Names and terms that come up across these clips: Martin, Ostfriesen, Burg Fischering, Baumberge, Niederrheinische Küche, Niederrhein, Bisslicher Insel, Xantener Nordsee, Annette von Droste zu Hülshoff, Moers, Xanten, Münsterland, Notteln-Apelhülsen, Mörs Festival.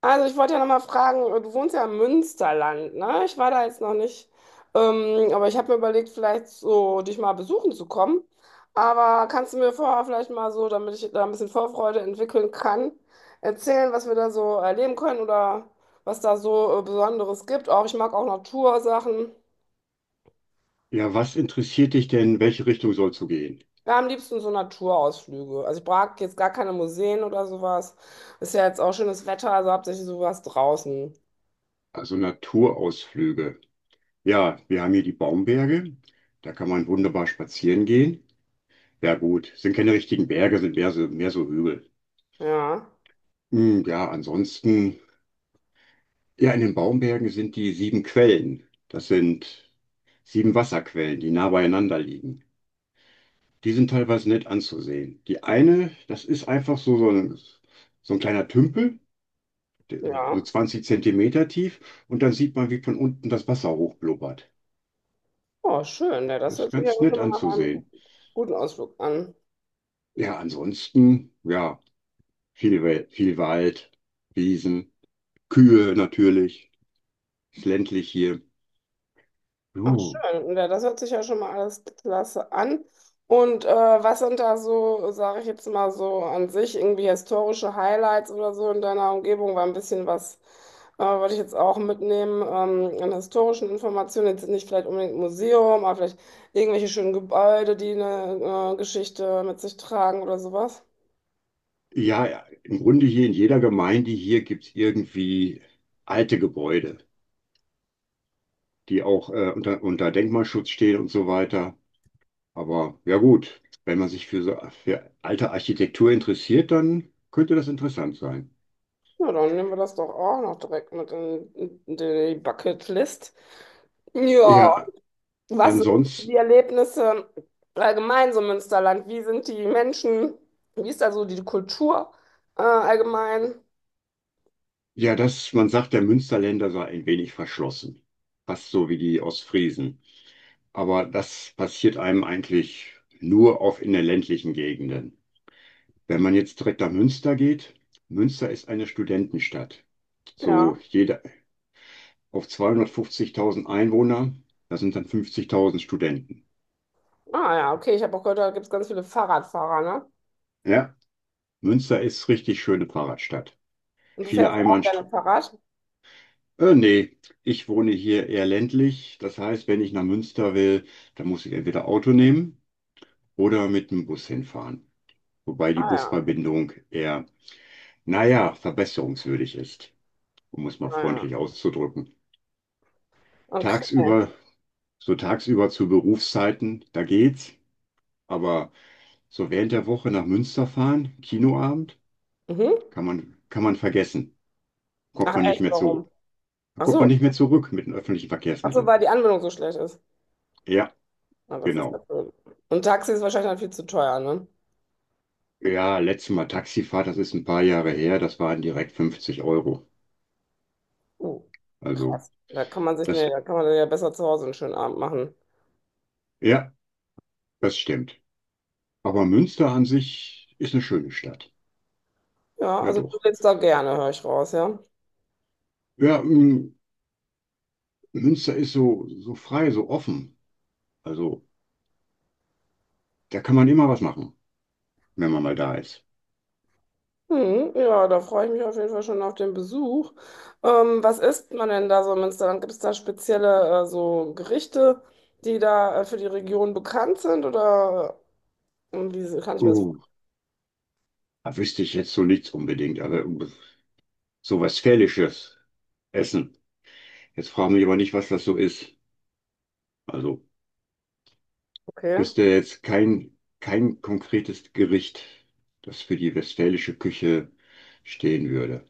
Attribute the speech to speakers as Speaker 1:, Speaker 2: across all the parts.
Speaker 1: Also ich wollte ja nochmal fragen, du wohnst ja im Münsterland, ne? Ich war da jetzt noch nicht, aber ich habe mir überlegt, vielleicht so dich mal besuchen zu kommen. Aber kannst du mir vorher vielleicht mal so, damit ich da ein bisschen Vorfreude entwickeln kann, erzählen, was wir da so erleben können oder was da so Besonderes gibt? Auch ich mag auch Natursachen.
Speaker 2: Ja, was interessiert dich denn, in welche Richtung sollst du gehen?
Speaker 1: Ja, am liebsten so Naturausflüge. Also ich mag jetzt gar keine Museen oder sowas. Ist ja jetzt auch schönes Wetter, also hauptsächlich sowas draußen.
Speaker 2: Also Naturausflüge. Ja, wir haben hier die Baumberge. Da kann man wunderbar spazieren gehen. Ja, gut, sind keine richtigen Berge, sind mehr so Hügel.
Speaker 1: Ja,
Speaker 2: Ja, ansonsten, ja, in den Baumbergen sind die sieben Quellen. Das sind sieben Wasserquellen, die nah beieinander liegen. Die sind teilweise nett anzusehen. Die eine, das ist einfach so ein kleiner Tümpel, der- so
Speaker 1: ja.
Speaker 2: 20 Zentimeter tief, und dann sieht man, wie von unten das Wasser hochblubbert.
Speaker 1: Oh, schön. Ja, das
Speaker 2: Das ist
Speaker 1: hört sich ja
Speaker 2: ganz
Speaker 1: schon
Speaker 2: nett
Speaker 1: mal nach einem
Speaker 2: anzusehen.
Speaker 1: guten Ausflug an.
Speaker 2: Ja, ansonsten, ja, viel Wald, Wiesen, Kühe natürlich, ist ländlich hier.
Speaker 1: Ach,
Speaker 2: Puh.
Speaker 1: schön. Ja, das hört sich ja schon mal alles klasse an. Und was sind da so, sage ich jetzt mal so an sich, irgendwie historische Highlights oder so in deiner Umgebung? War ein bisschen was, wollte ich jetzt auch mitnehmen, an historischen Informationen. Jetzt nicht vielleicht unbedingt ein Museum, aber vielleicht irgendwelche schönen Gebäude, die eine Geschichte mit sich tragen oder sowas.
Speaker 2: Ja, ja, im Grunde hier in jeder Gemeinde hier gibt es irgendwie alte Gebäude, die auch unter Denkmalschutz stehen und so weiter. Aber ja gut, wenn man sich für alte Architektur interessiert, dann könnte das interessant sein.
Speaker 1: Ja, dann nehmen wir das doch auch noch direkt mit in die Bucketlist. Ja,
Speaker 2: Ja,
Speaker 1: was sind die
Speaker 2: ansonsten,
Speaker 1: Erlebnisse allgemein so im Münsterland? Wie sind die Menschen? Wie ist da so die Kultur allgemein?
Speaker 2: ja, man sagt, der Münsterländer sei ein wenig verschlossen. Fast so wie die Ostfriesen. Aber das passiert einem eigentlich nur auf in den ländlichen Gegenden. Wenn man jetzt direkt nach Münster geht, Münster ist eine Studentenstadt. So
Speaker 1: Ja.
Speaker 2: jeder auf 250.000 Einwohner, da sind dann 50.000 Studenten.
Speaker 1: Ah ja, okay, ich habe auch gehört, da gibt es ganz viele Fahrradfahrer, ne?
Speaker 2: Ja, Münster ist richtig schöne Fahrradstadt.
Speaker 1: Und du
Speaker 2: Viele
Speaker 1: fährst auch
Speaker 2: Einbahnst
Speaker 1: gerne Fahrrad?
Speaker 2: Nee, ich wohne hier eher ländlich. Das heißt, wenn ich nach Münster will, dann muss ich entweder Auto nehmen oder mit dem Bus hinfahren. Wobei die
Speaker 1: Ah ja,
Speaker 2: Busverbindung eher, naja, verbesserungswürdig ist, um es
Speaker 1: ah
Speaker 2: mal
Speaker 1: ja.
Speaker 2: freundlich auszudrücken.
Speaker 1: Okay.
Speaker 2: Tagsüber, so tagsüber zu Berufszeiten, da geht's. Aber so während der Woche nach Münster fahren, Kinoabend,
Speaker 1: Mhm.
Speaker 2: kann man vergessen. Kommt
Speaker 1: Ach
Speaker 2: man nicht
Speaker 1: echt,
Speaker 2: mehr
Speaker 1: warum?
Speaker 2: zu,
Speaker 1: Ach
Speaker 2: kommt man
Speaker 1: so.
Speaker 2: nicht mehr zurück mit den öffentlichen
Speaker 1: Ach so,
Speaker 2: Verkehrsmitteln.
Speaker 1: weil die Anbindung so schlecht ist.
Speaker 2: Ja,
Speaker 1: Na, das ist ja
Speaker 2: genau.
Speaker 1: blöd. Und Taxi ist wahrscheinlich dann viel zu teuer, ne?
Speaker 2: Ja, letztes Mal Taxifahrt, das ist ein paar Jahre her, das waren direkt 50 Euro.
Speaker 1: Oh,
Speaker 2: Also,
Speaker 1: krass. Da kann man sich, nee,
Speaker 2: das,
Speaker 1: da kann man ja besser zu Hause einen schönen Abend machen.
Speaker 2: ja, das stimmt. Aber Münster an sich ist eine schöne Stadt.
Speaker 1: Ja,
Speaker 2: Ja,
Speaker 1: also du
Speaker 2: doch.
Speaker 1: lebst da gerne, höre ich raus, ja.
Speaker 2: Ja, Münster ist so frei, so offen. Also, da kann man immer was machen, wenn man mal da ist.
Speaker 1: Hm, ja, da freue ich mich auf jeden Fall schon auf den Besuch. Was isst man denn da so im Münsterland? Gibt es da spezielle so Gerichte, die da für die Region bekannt sind? Oder wie kann ich mir das
Speaker 2: Oh, da wüsste ich jetzt so nichts unbedingt, aber so was Westfälisches essen. Jetzt fragen mich aber nicht, was das so ist. Also,
Speaker 1: vorstellen?
Speaker 2: wüsste jetzt kein konkretes Gericht, das für die westfälische Küche stehen würde.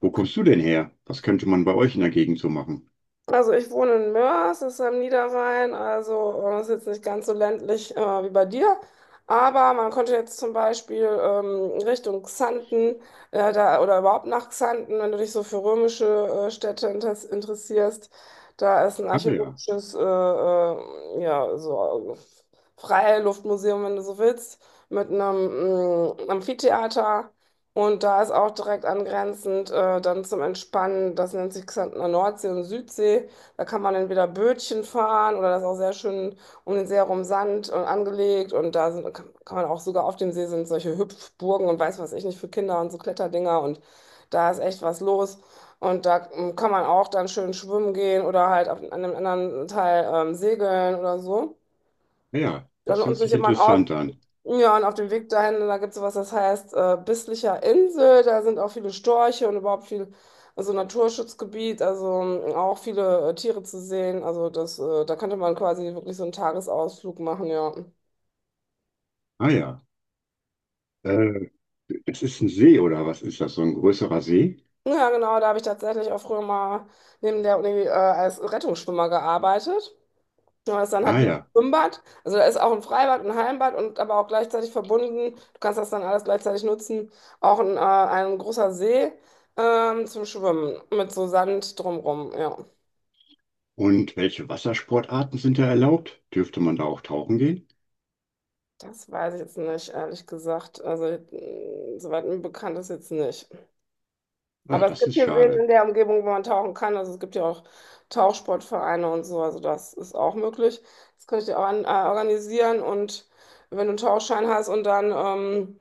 Speaker 2: Wo
Speaker 1: Okay.
Speaker 2: kommst du denn her? Was könnte man bei euch in der Gegend so machen?
Speaker 1: Also ich wohne in Moers, das ist am Niederrhein, also ist jetzt nicht ganz so ländlich wie bei dir. Aber man konnte jetzt zum Beispiel Richtung Xanten oder überhaupt nach Xanten, wenn du dich so für römische Städte interessierst, da ist ein
Speaker 2: Ah ja,
Speaker 1: archäologisches Freiluftmuseum, wenn du so willst, mit einem Amphitheater. Und da ist auch direkt angrenzend dann zum Entspannen, das nennt sich Xantener Nordsee und Südsee. Da kann man entweder Bötchen fahren oder das ist auch sehr schön um den See herum Sand und angelegt. Und da sind, kann man auch sogar auf dem See sind solche Hüpfburgen und weiß was ich nicht für Kinder und so Kletterdinger. Und da ist echt was los. Und da kann man auch dann schön schwimmen gehen oder halt auf, an einem anderen Teil segeln oder so.
Speaker 2: ah ja,
Speaker 1: Dann
Speaker 2: das hört
Speaker 1: lohnt sich
Speaker 2: sich
Speaker 1: immer ein
Speaker 2: interessant an.
Speaker 1: ja, und auf dem Weg dahin, da gibt es was, das heißt Bisslicher Insel. Da sind auch viele Storche und überhaupt viel, also Naturschutzgebiet, also auch viele Tiere zu sehen. Also das, da könnte man quasi wirklich so einen Tagesausflug machen, ja.
Speaker 2: Ah ja, äh, das ist ein See oder was ist das? So ein größerer See?
Speaker 1: Ja, genau, da habe ich tatsächlich auch früher mal neben der Uni als Rettungsschwimmer gearbeitet. Ja, das ist dann halt
Speaker 2: Ah
Speaker 1: wie ein
Speaker 2: ja.
Speaker 1: Schwimmbad. Also da ist auch ein Freibad, ein Heimbad und aber auch gleichzeitig verbunden. Du kannst das dann alles gleichzeitig nutzen. Auch ein großer See zum Schwimmen mit so Sand drumrum. Ja,
Speaker 2: Und welche Wassersportarten sind da erlaubt? Dürfte man da auch tauchen gehen?
Speaker 1: das weiß ich jetzt nicht, ehrlich gesagt. Also soweit mir bekannt ist jetzt nicht.
Speaker 2: Ah,
Speaker 1: Aber es
Speaker 2: das
Speaker 1: gibt
Speaker 2: ist
Speaker 1: hier Seen in
Speaker 2: schade.
Speaker 1: der Umgebung, wo man tauchen kann. Also es gibt ja auch Tauchsportvereine und so. Also das ist auch möglich. Das könnte ich dir auch organisieren und wenn du einen Tauchschein hast und dann...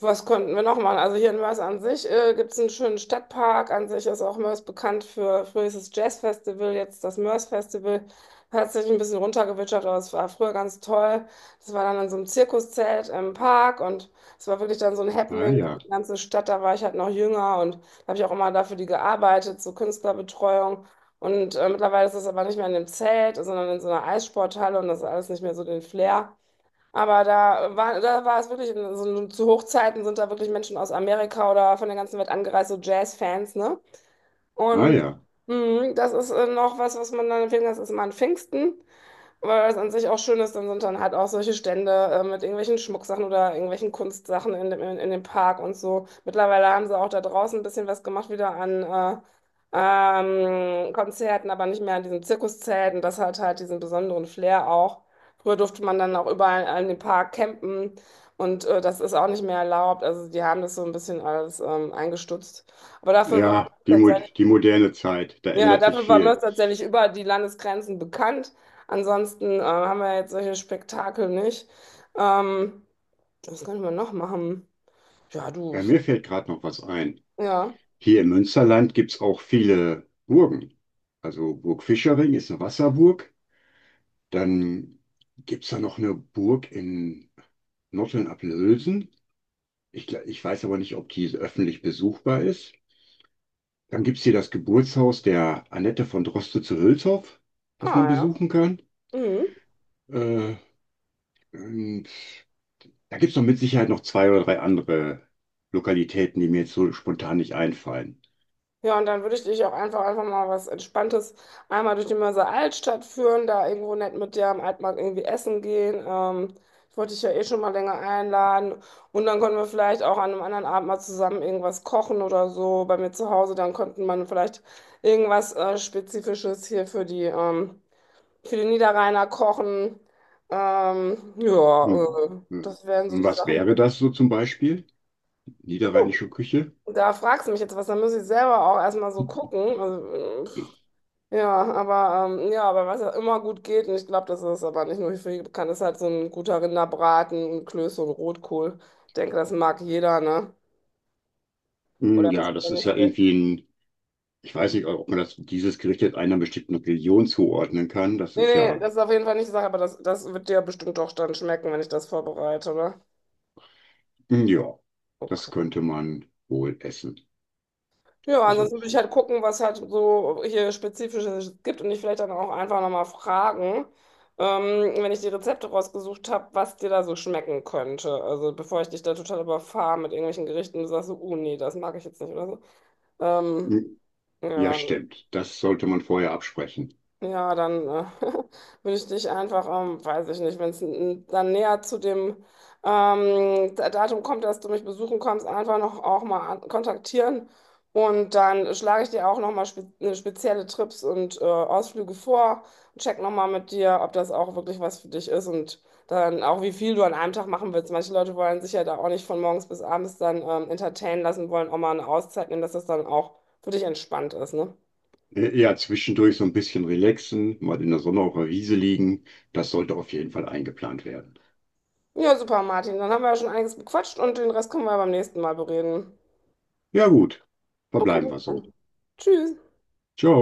Speaker 1: was konnten wir noch machen? Also hier in Mörs an sich gibt es einen schönen Stadtpark. An sich ist auch Mörs bekannt für früher hieß es Jazz Festival, jetzt das Mörs Festival. Hat sich ein bisschen runtergewitschert, aber es war früher ganz toll. Das war dann in so einem Zirkuszelt im Park und es war wirklich dann so ein
Speaker 2: Ah
Speaker 1: Happening für
Speaker 2: ja,
Speaker 1: die ganze Stadt. Da war ich halt noch jünger und da habe ich auch immer dafür die gearbeitet, so Künstlerbetreuung. Und mittlerweile ist das aber nicht mehr in dem Zelt, sondern in so einer Eissporthalle und das ist alles nicht mehr so den Flair. Aber da war es wirklich, in, so, zu Hochzeiten sind da wirklich Menschen aus Amerika oder von der ganzen Welt angereist, so Jazz-Fans, ne?
Speaker 2: ah
Speaker 1: Und
Speaker 2: ja.
Speaker 1: das ist noch was, was man dann empfehlen kann, das ist immer an Pfingsten. Weil was an sich auch schön ist, dann sind dann halt auch solche Stände mit irgendwelchen Schmucksachen oder irgendwelchen Kunstsachen in dem Park und so. Mittlerweile haben sie auch da draußen ein bisschen was gemacht, wieder an Konzerten, aber nicht mehr an diesem Zirkuszelt. Und das hat halt diesen besonderen Flair auch. Früher durfte man dann auch überall in dem Park campen und das ist auch nicht mehr erlaubt. Also die haben das so ein bisschen alles eingestutzt. Aber dafür war
Speaker 2: Ja, die moderne Zeit, da
Speaker 1: ja,
Speaker 2: ändert sich
Speaker 1: dafür war
Speaker 2: viel.
Speaker 1: Mörs tatsächlich über die Landesgrenzen bekannt. Ansonsten haben wir jetzt solche Spektakel nicht. Ähm, was können wir noch machen? Ja, du.
Speaker 2: Ja, mir fällt gerade noch was ein.
Speaker 1: Ja.
Speaker 2: Hier im Münsterland gibt es auch viele Burgen. Also Burg Fischering ist eine Wasserburg. Dann gibt es da noch eine Burg in Notteln-Apelhülsen. Ich weiß aber nicht, ob die öffentlich besuchbar ist. Dann gibt es hier das Geburtshaus der Annette von Droste zu Hülshoff, das
Speaker 1: Ah,
Speaker 2: man
Speaker 1: ja.
Speaker 2: besuchen kann.
Speaker 1: Mhm.
Speaker 2: Äh, und da gibt es noch mit Sicherheit noch zwei oder drei andere Lokalitäten, die mir jetzt so spontan nicht einfallen.
Speaker 1: Ja, und dann würde ich dich auch einfach mal was Entspanntes einmal durch die Mörser Altstadt führen, da irgendwo nett mit dir am Altmarkt irgendwie essen gehen. Ich wollte dich ja eh schon mal länger einladen. Und dann können wir vielleicht auch an einem anderen Abend mal zusammen irgendwas kochen oder so bei mir zu Hause. Dann könnten man vielleicht irgendwas Spezifisches hier für die Niederrheiner kochen. Ähm, ja,
Speaker 2: Hm.
Speaker 1: äh,
Speaker 2: Hm.
Speaker 1: das wären so
Speaker 2: Und
Speaker 1: die
Speaker 2: was
Speaker 1: Sachen.
Speaker 2: wäre das so zum Beispiel?
Speaker 1: Puh.
Speaker 2: Niederrheinische Küche?
Speaker 1: Da fragst du mich jetzt was, da muss ich selber auch erstmal so gucken. Äh, Ja, aber aber was ja immer gut geht, und ich glaube, das ist aber nicht nur für die bekannt, ist halt so ein guter Rinderbraten, und Klöße und Rotkohl. Ich denke, das mag jeder, ne? Oder
Speaker 2: Ja,
Speaker 1: ist ja
Speaker 2: das ist
Speaker 1: nicht so
Speaker 2: ja
Speaker 1: der-
Speaker 2: irgendwie ich weiß nicht, ob man dieses Gericht jetzt einer bestimmten Region zuordnen kann. Das
Speaker 1: Nee,
Speaker 2: ist
Speaker 1: nee,
Speaker 2: ja,
Speaker 1: das ist auf jeden Fall nicht die Sache, aber das wird dir bestimmt doch dann schmecken, wenn ich das vorbereite, oder?
Speaker 2: ja, das
Speaker 1: Okay.
Speaker 2: könnte man wohl essen.
Speaker 1: Ja,
Speaker 2: Also,
Speaker 1: ansonsten würde ich halt gucken, was halt so hier Spezifisches gibt und dich vielleicht dann auch einfach nochmal fragen, wenn ich die Rezepte rausgesucht habe, was dir da so schmecken könnte. Also bevor ich dich da total überfahre mit irgendwelchen Gerichten, du sagst so, oh nee, das mag ich jetzt nicht oder so. Ähm,
Speaker 2: hm, ja,
Speaker 1: ja,
Speaker 2: stimmt. Das sollte man vorher absprechen.
Speaker 1: ja, dann würde ich dich einfach, weiß ich nicht, wenn es dann näher zu dem Datum kommt, dass du mich besuchen kommst, einfach noch auch mal kontaktieren. Und dann schlage ich dir auch noch mal spezielle Trips und Ausflüge vor und check noch mal mit dir, ob das auch wirklich was für dich ist und dann auch, wie viel du an einem Tag machen willst. Manche Leute wollen sich ja da auch nicht von morgens bis abends dann entertainen lassen, wollen auch mal eine Auszeit nehmen, dass das dann auch für dich entspannt ist, ne?
Speaker 2: Ja, zwischendurch so ein bisschen relaxen, mal in der Sonne auf der Wiese liegen. Das sollte auf jeden Fall eingeplant werden.
Speaker 1: Ja, super, Martin. Dann haben wir ja schon einiges bequatscht und den Rest können wir beim nächsten Mal bereden.
Speaker 2: Ja, gut.
Speaker 1: Okay,
Speaker 2: Verbleiben
Speaker 1: bis
Speaker 2: wir so.
Speaker 1: dann. Tschüss.
Speaker 2: Ciao.